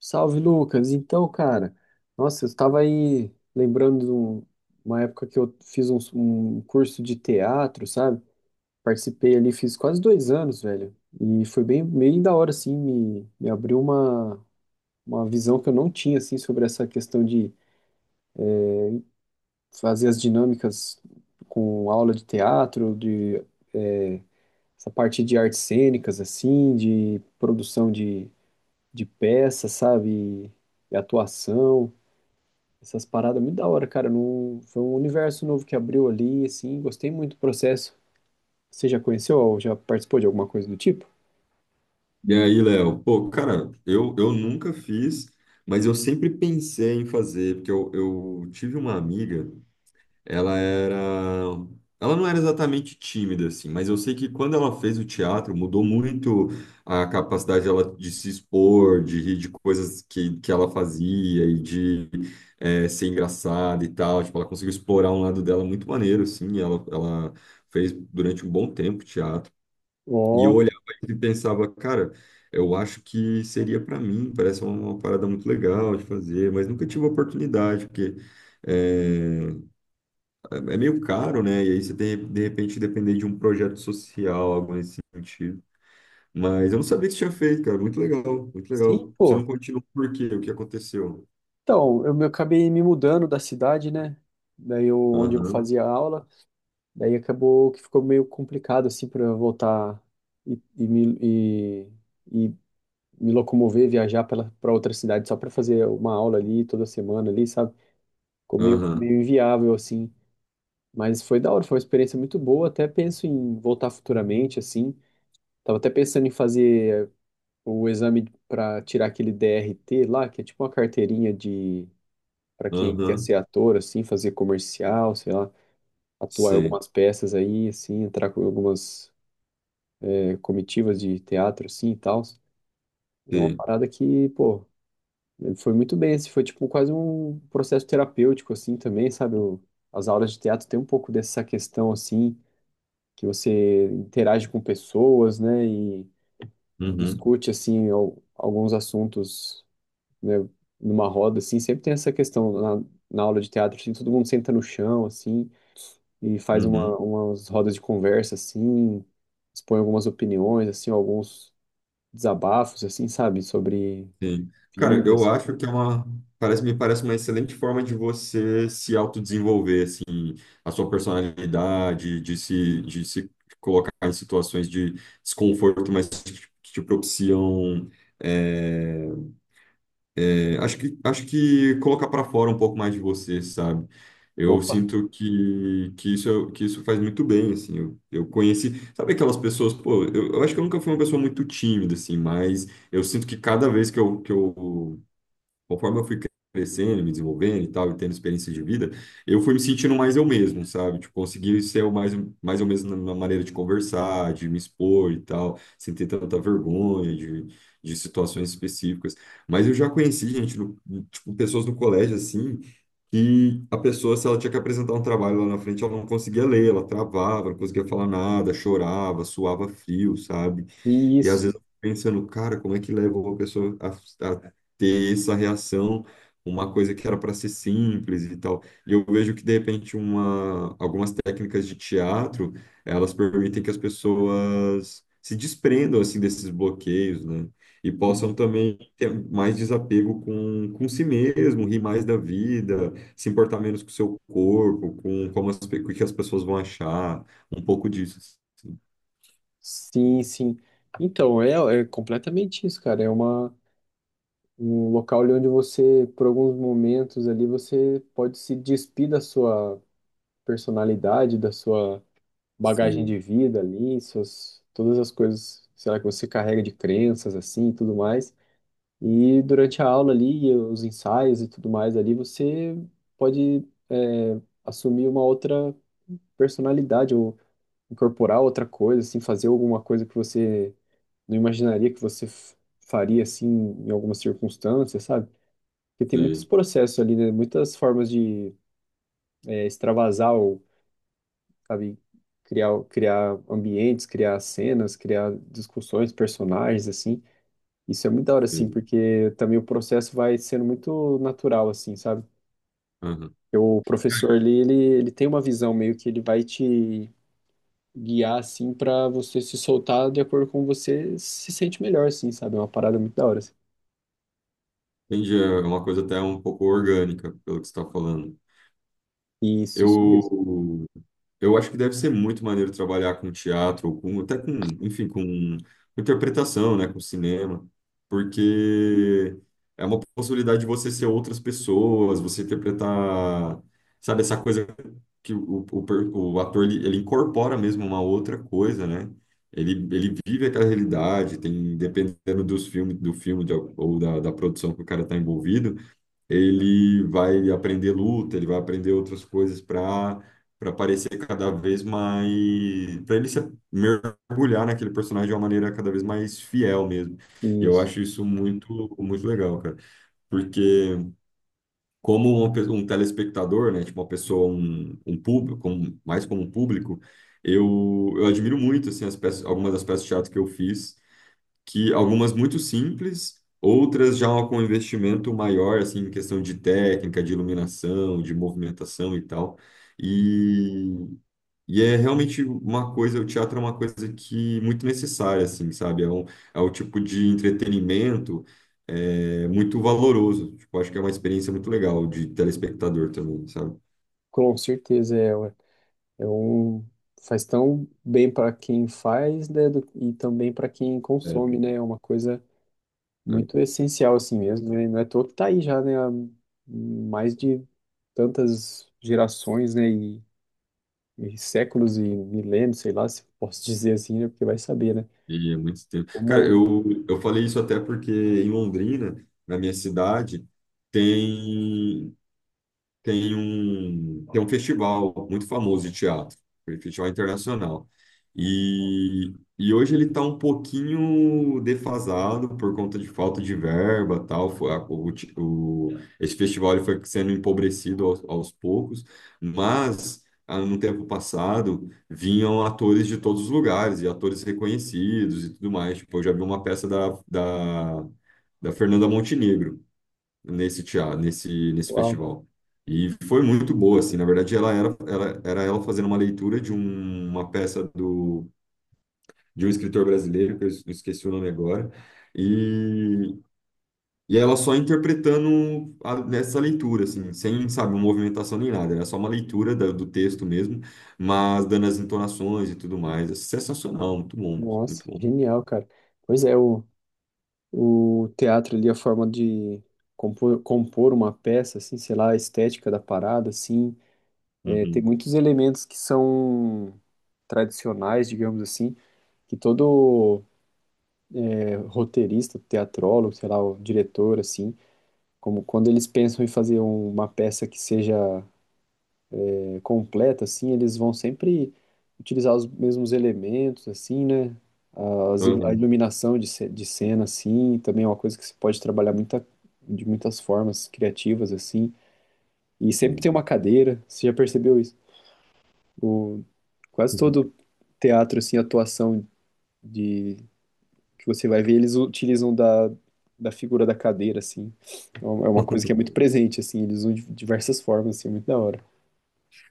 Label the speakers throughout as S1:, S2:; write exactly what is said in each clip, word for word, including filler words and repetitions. S1: Salve, Lucas. Então, cara, nossa, eu estava aí lembrando de um- uma época que eu fiz um, um curso de teatro, sabe? Participei ali, fiz quase dois anos, velho. E foi bem, bem da hora, assim, me, me abriu uma, uma visão que eu não tinha, assim, sobre essa questão de fazer as dinâmicas com aula de teatro, de eh, essa parte de artes cênicas, assim, de produção de, de peças, sabe? E atuação. Essas paradas muito da hora, cara. Não... Foi um universo novo que abriu ali, assim. Gostei muito do processo. Você já conheceu ou já participou de alguma coisa do tipo?
S2: E aí, Léo? Pô, cara, eu, eu nunca fiz, mas eu sempre pensei em fazer, porque eu, eu tive uma amiga, ela era. Ela não era exatamente tímida, assim, mas eu sei que quando ela fez o teatro, mudou muito a capacidade dela de se expor, de rir de coisas que, que ela fazia e de eh, ser engraçada e tal. Tipo, ela conseguiu explorar um lado dela muito maneiro, assim, ela, ela fez durante um bom tempo teatro. E eu
S1: Ó,
S2: olhava e pensava, cara, eu acho que seria para mim, parece uma uma parada muito legal de fazer, mas nunca tive oportunidade, porque eh, é, é meio caro, né? E aí você tem, de repente, depender de um projeto social, algo nesse sentido. Mas eu não sabia que você tinha feito, cara. Muito legal, muito
S1: sim,
S2: legal. Você
S1: pô.
S2: não continuou por quê? O que aconteceu?
S1: Então, eu me- acabei me mudando da cidade, né? Daí eu, onde eu
S2: Aham,
S1: fazia aula, daí acabou que ficou meio complicado, assim, para eu voltar e, e me, e, e me locomover, viajar pela para outra cidade só para fazer uma aula ali toda semana ali, sabe? Ficou meio,
S2: aham,
S1: meio inviável, assim. Mas foi da hora, foi uma experiência muito boa. Até penso em voltar futuramente, assim. Tava até pensando em fazer o exame para tirar aquele D R T lá, que é tipo uma carteirinha de para quem quer
S2: aham.
S1: ser ator, assim, fazer comercial, sei lá, atuar em
S2: Sei,
S1: algumas peças aí, assim, entrar com algumas eh, comitivas de teatro, assim, e tal. É uma
S2: sei.
S1: parada que, pô, foi muito bem, assim, foi tipo quase um processo terapêutico, assim, também, sabe? O- as aulas de teatro tem um pouco dessa questão, assim, que você interage com pessoas, né, e
S2: Uhum,
S1: discute assim al- alguns assuntos, né, numa roda assim, sempre tem essa questão na, na aula de teatro, assim, todo mundo senta no chão assim e faz
S2: uhum.
S1: uma, umas rodas de conversa assim, expõe algumas opiniões assim, alguns desabafos assim, sabe, sobre
S2: Sim. Cara,
S1: vida
S2: eu
S1: assim.
S2: acho que é uma. Parece, me parece uma excelente forma de você se autodesenvolver, assim, a sua personalidade, de se, de se colocar em situações de desconforto, mas que te que te propiciam. é, é, acho que, acho que colocar para fora um pouco mais de você, sabe? Eu
S1: Opa,
S2: sinto que, que isso, que isso faz muito bem, assim. Eu, eu conheci. Sabe aquelas pessoas, pô, eu, eu acho que eu nunca fui uma pessoa muito tímida, assim, mas. Eu sinto que cada vez que eu, que eu conforme eu fui crescendo, me desenvolvendo e tal, e tendo experiência de vida, eu fui me sentindo mais eu mesmo, sabe? Tipo, consegui ser o mais, mais eu mesmo na na maneira de conversar, de me expor e tal, sem ter tanta vergonha de, de situações específicas. Mas eu já conheci gente, no- tipo, pessoas no colégio, assim, que a pessoa, se ela tinha que apresentar um trabalho lá na frente, ela não conseguia ler, ela travava, não conseguia falar nada, chorava, suava frio, sabe? E às
S1: isso.
S2: vezes eu fico pensando, cara, como é que leva uma pessoa a, a ter essa reação, uma coisa que era para ser simples e tal. E eu vejo que, de repente, uma, algumas técnicas de teatro, elas permitem que as pessoas se desprendam, assim, desses bloqueios, né? E possam
S1: Uhum.
S2: também ter mais desapego com, com si mesmo, rir mais da vida, se importar menos com o seu corpo, com como as, pe- o que as pessoas vão achar, um pouco disso.
S1: Sim, sim. Então, é, é completamente isso, cara. É uma um local ali onde você, por alguns momentos ali, você pode se despir da sua personalidade, da sua bagagem de
S2: Sim,
S1: vida ali, suas, todas as coisas, sei lá, que você carrega de crenças assim e tudo mais. E durante a aula ali, e os ensaios e tudo mais ali, você pode é, assumir uma outra personalidade ou incorporar outra coisa, assim, fazer alguma coisa que você não imaginaria que você f- faria assim em algumas circunstâncias, sabe? Porque tem muitos
S2: sim,
S1: processos ali, né? Muitas formas de é, extravasar ou, sabe, criar, criar ambientes, criar cenas, criar discussões, personagens, assim. Isso é muito da hora, assim,
S2: sim.
S1: porque também o processo vai sendo muito natural, assim, sabe?
S2: Aham.
S1: Porque o professor ali, ele, ele tem uma visão meio que ele vai te guiar, assim, para você se soltar de acordo com você se sente melhor, assim, sabe? É uma parada muito da hora, assim.
S2: Entendi, é uma coisa até um pouco orgânica, pelo que você está falando.
S1: Isso, isso mesmo.
S2: Eu, eu acho que deve ser muito maneiro trabalhar com teatro, ou com, até com, enfim, com interpretação, né, com cinema, porque é uma possibilidade de você ser outras pessoas, você interpretar, sabe, essa coisa que o, o, per- o ator, ele, ele incorpora mesmo uma outra coisa, né? Ele, ele vive aquela realidade, tem, dependendo dos filmes, do filme de- ou da, da produção que o cara está envolvido, ele vai aprender luta, ele vai aprender outras coisas para para parecer cada vez mais, para ele se mergulhar naquele personagem de uma maneira cada vez mais fiel mesmo. E eu
S1: Isso.
S2: acho isso muito muito legal, cara, porque como uma pe- um telespectador, né, tipo uma pessoa, um, um público, como- mais como um público, eu, eu admiro muito assim as peças, algumas das peças de teatro que eu fiz que algumas muito simples, outras já com investimento maior, assim, em questão de técnica, de iluminação, de movimentação e tal. E, e é realmente uma coisa, o teatro é uma coisa que muito necessária, assim, sabe? É um, é um tipo de entretenimento é, muito valoroso. Tipo, acho que é uma experiência muito legal de telespectador também, sabe?
S1: Com certeza é, ué. É um faz tão bem para quem faz, né, do- e também para quem
S2: É, é,
S1: consome, né? É uma coisa muito essencial assim mesmo, né? Não é à toa que tá aí já, né? Há mais de tantas gerações, né? E, e séculos e milênios, sei lá, se posso dizer assim, né? Porque vai saber, né?
S2: e é muito tempo. Cara,
S1: Como,
S2: eu, eu falei isso até porque em Londrina, na minha cidade, tem. tem um, tem um festival muito famoso de teatro, um festival internacional. E, e hoje ele está um pouquinho defasado por conta de falta de verba, tal. Foi, a- o, ti- o- Esse festival ele foi sendo empobrecido aos, aos poucos, mas ah, no tempo passado vinham atores de todos os lugares e atores reconhecidos e tudo mais. Tipo, eu já vi uma peça da, da, da Fernanda Montenegro nesse teatro, nesse, nesse
S1: uau,
S2: festival. E foi muito boa, assim, na verdade ela era, era, era ela fazendo uma leitura de um- uma peça do, de um escritor brasileiro, que eu es- esqueci o nome agora, e, e ela só interpretando a, nessa leitura, assim, sem, sabe, uma movimentação nem nada, era só uma leitura da- do texto mesmo, mas dando as entonações e tudo mais, é sensacional, muito bom, muito
S1: nossa,
S2: bom.
S1: genial, cara. Pois é, o, o teatro ali, a forma de compor, compor uma peça, assim, sei lá, a estética da parada, assim. É, tem
S2: Uhum,
S1: muitos elementos que são tradicionais, digamos assim, que todo é, roteirista, teatrólogo, sei lá, o diretor, assim, como quando eles pensam em fazer um- uma peça que seja é, completa, assim, eles vão sempre utilizar os mesmos elementos, assim, né? As ilu- a
S2: uhum,
S1: iluminação de, ce- de cena, assim, também é uma coisa que se pode trabalhar muita, de muitas formas criativas, assim. E sempre
S2: sim.
S1: tem uma cadeira, você já percebeu isso? O, quase todo teatro, assim, atuação de que você vai ver, eles utilizam da, da figura da cadeira, assim. É uma é uma coisa que é muito presente, assim, eles usam de diversas formas, assim, é muito da hora.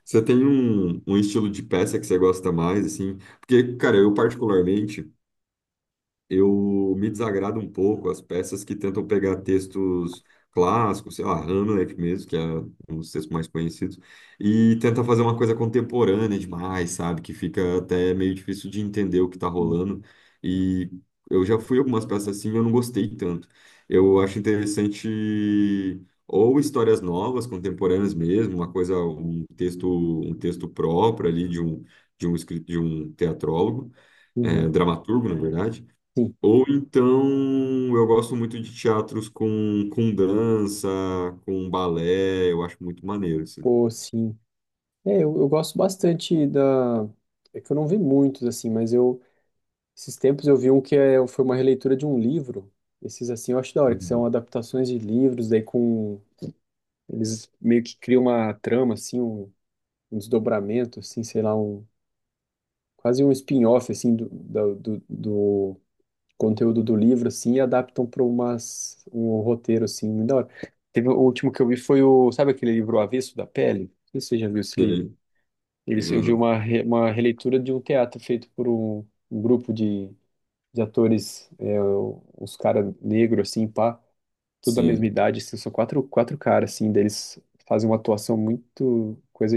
S2: Você tem um, um estilo de peça que você gosta mais, assim? Porque, cara, eu particularmente, eu me desagrada um pouco as peças que tentam pegar textos clássicos, sei lá, Hamlet mesmo, que é um dos textos mais conhecidos, e tenta fazer uma coisa contemporânea demais, sabe? Que fica até meio difícil de entender o que tá
S1: Sim.
S2: rolando. E eu já fui algumas peças assim, e eu não gostei tanto. Eu acho interessante ou histórias novas, contemporâneas mesmo, uma coisa, um texto, um texto próprio ali de um de um escrito de um teatrólogo, é,
S1: Uhum.
S2: dramaturgo, na verdade
S1: Sim.
S2: ou então, eu gosto muito de teatros com, com dança, com balé, eu acho muito maneiro, assim.
S1: Pô, sim. É, eu, eu gosto bastante da. É que eu não vi muitos, assim, mas eu. Esses tempos eu vi um que é, foi uma releitura de um livro. Esses, assim, eu acho da hora, que são
S2: Uhum.
S1: adaptações de livros, daí com. Eles meio que criam uma trama, assim, um- um desdobramento, assim, sei lá, um, quase um spin-off, assim, do, da- do, do conteúdo do livro, assim, e adaptam para umas, um roteiro, assim, muito da hora. Teve, o último que eu vi foi o, sabe aquele livro O Avesso da Pele? Não sei se você já viu esse livro.
S2: Sei,
S1: Eles, eu vi
S2: já-
S1: uma, re- uma releitura de um teatro feito por um, um grupo de, de atores, é, uns caras negros, assim, pá, tudo da mesma
S2: sei.
S1: idade, assim, são quatro, quatro caras, assim, deles fazem uma atuação muito coisa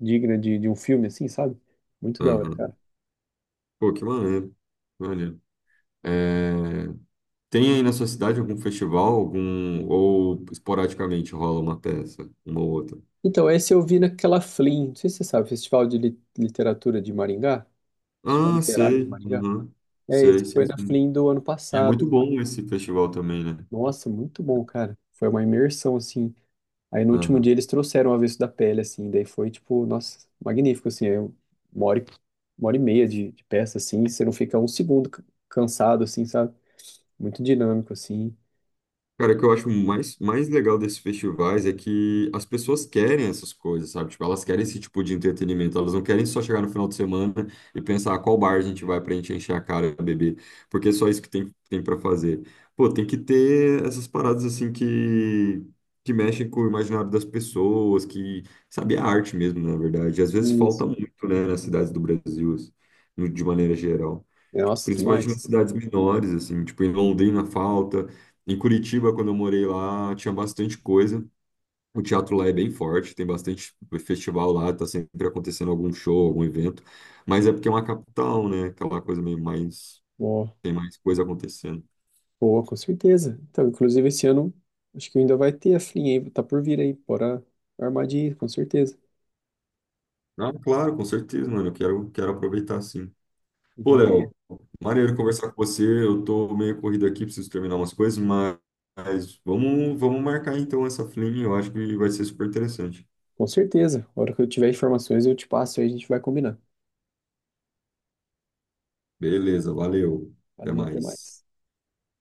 S1: digna de, de um filme, assim, sabe? Muito da hora,
S2: Aham.
S1: cara.
S2: Pô, que maneiro, que maneiro. É, tem aí na sua cidade algum festival, algum, ou esporadicamente rola uma peça, uma ou outra?
S1: Então, esse eu vi naquela Flim, não sei se você sabe, Festival de Li- Literatura de Maringá, Festival
S2: Ah,
S1: Literário
S2: sei,
S1: de Maringá.
S2: uhum.
S1: É, esse
S2: Sei,
S1: foi
S2: sim,
S1: na
S2: sim.
S1: Flim do ano
S2: E é muito
S1: passado.
S2: bom esse festival também, né?
S1: Nossa, muito bom, cara. Foi uma imersão, assim. Aí no último
S2: Aham.
S1: dia eles trouxeram O Avesso da Pele, assim, daí foi, tipo, nossa, magnífico, assim, é uma hora, e- uma hora e meia de, de peça, assim, você não fica um segundo ca- cansado, assim, sabe? Muito dinâmico, assim.
S2: Cara, o que eu acho mais, mais legal desses festivais é que as pessoas querem essas coisas, sabe? Tipo, elas querem esse tipo de entretenimento, elas não querem só chegar no final de semana e pensar "Ah, qual bar a gente vai pra gente encher a cara e beber, porque é só isso que tem, tem para fazer. Pô, tem que ter essas paradas assim que, que mexem com o imaginário das pessoas, que, sabe, é arte mesmo, na verdade. E às vezes
S1: Isso.
S2: falta muito, né, nas cidades do Brasil, assim, no- de maneira geral.
S1: Nossa,
S2: Principalmente nas
S1: demais.
S2: cidades menores, assim, tipo, em Londrina falta, em Curitiba, quando eu morei lá, tinha bastante coisa. O teatro lá é bem forte, tem bastante festival lá, tá sempre acontecendo algum show, algum evento, mas é porque é uma capital, né? Aquela coisa meio mais, tem mais coisa acontecendo.
S1: Pô, com certeza. Então, inclusive esse ano, acho que ainda vai ter a Flim aí, tá por vir aí, bora armar de ir, com certeza.
S2: Ah, claro, com certeza, mano, eu quero, quero aproveitar sim. Pô,
S1: Ideia.
S2: Léo, maneiro conversar com você, eu tô meio corrido aqui, preciso terminar umas coisas, mas, mas vamos, vamos marcar então essa flim, eu acho que vai ser super interessante.
S1: Com certeza. A hora que eu tiver informações, eu te passo aí, a gente vai combinar.
S2: Beleza, valeu. Até
S1: Valeu, até
S2: mais.
S1: mais.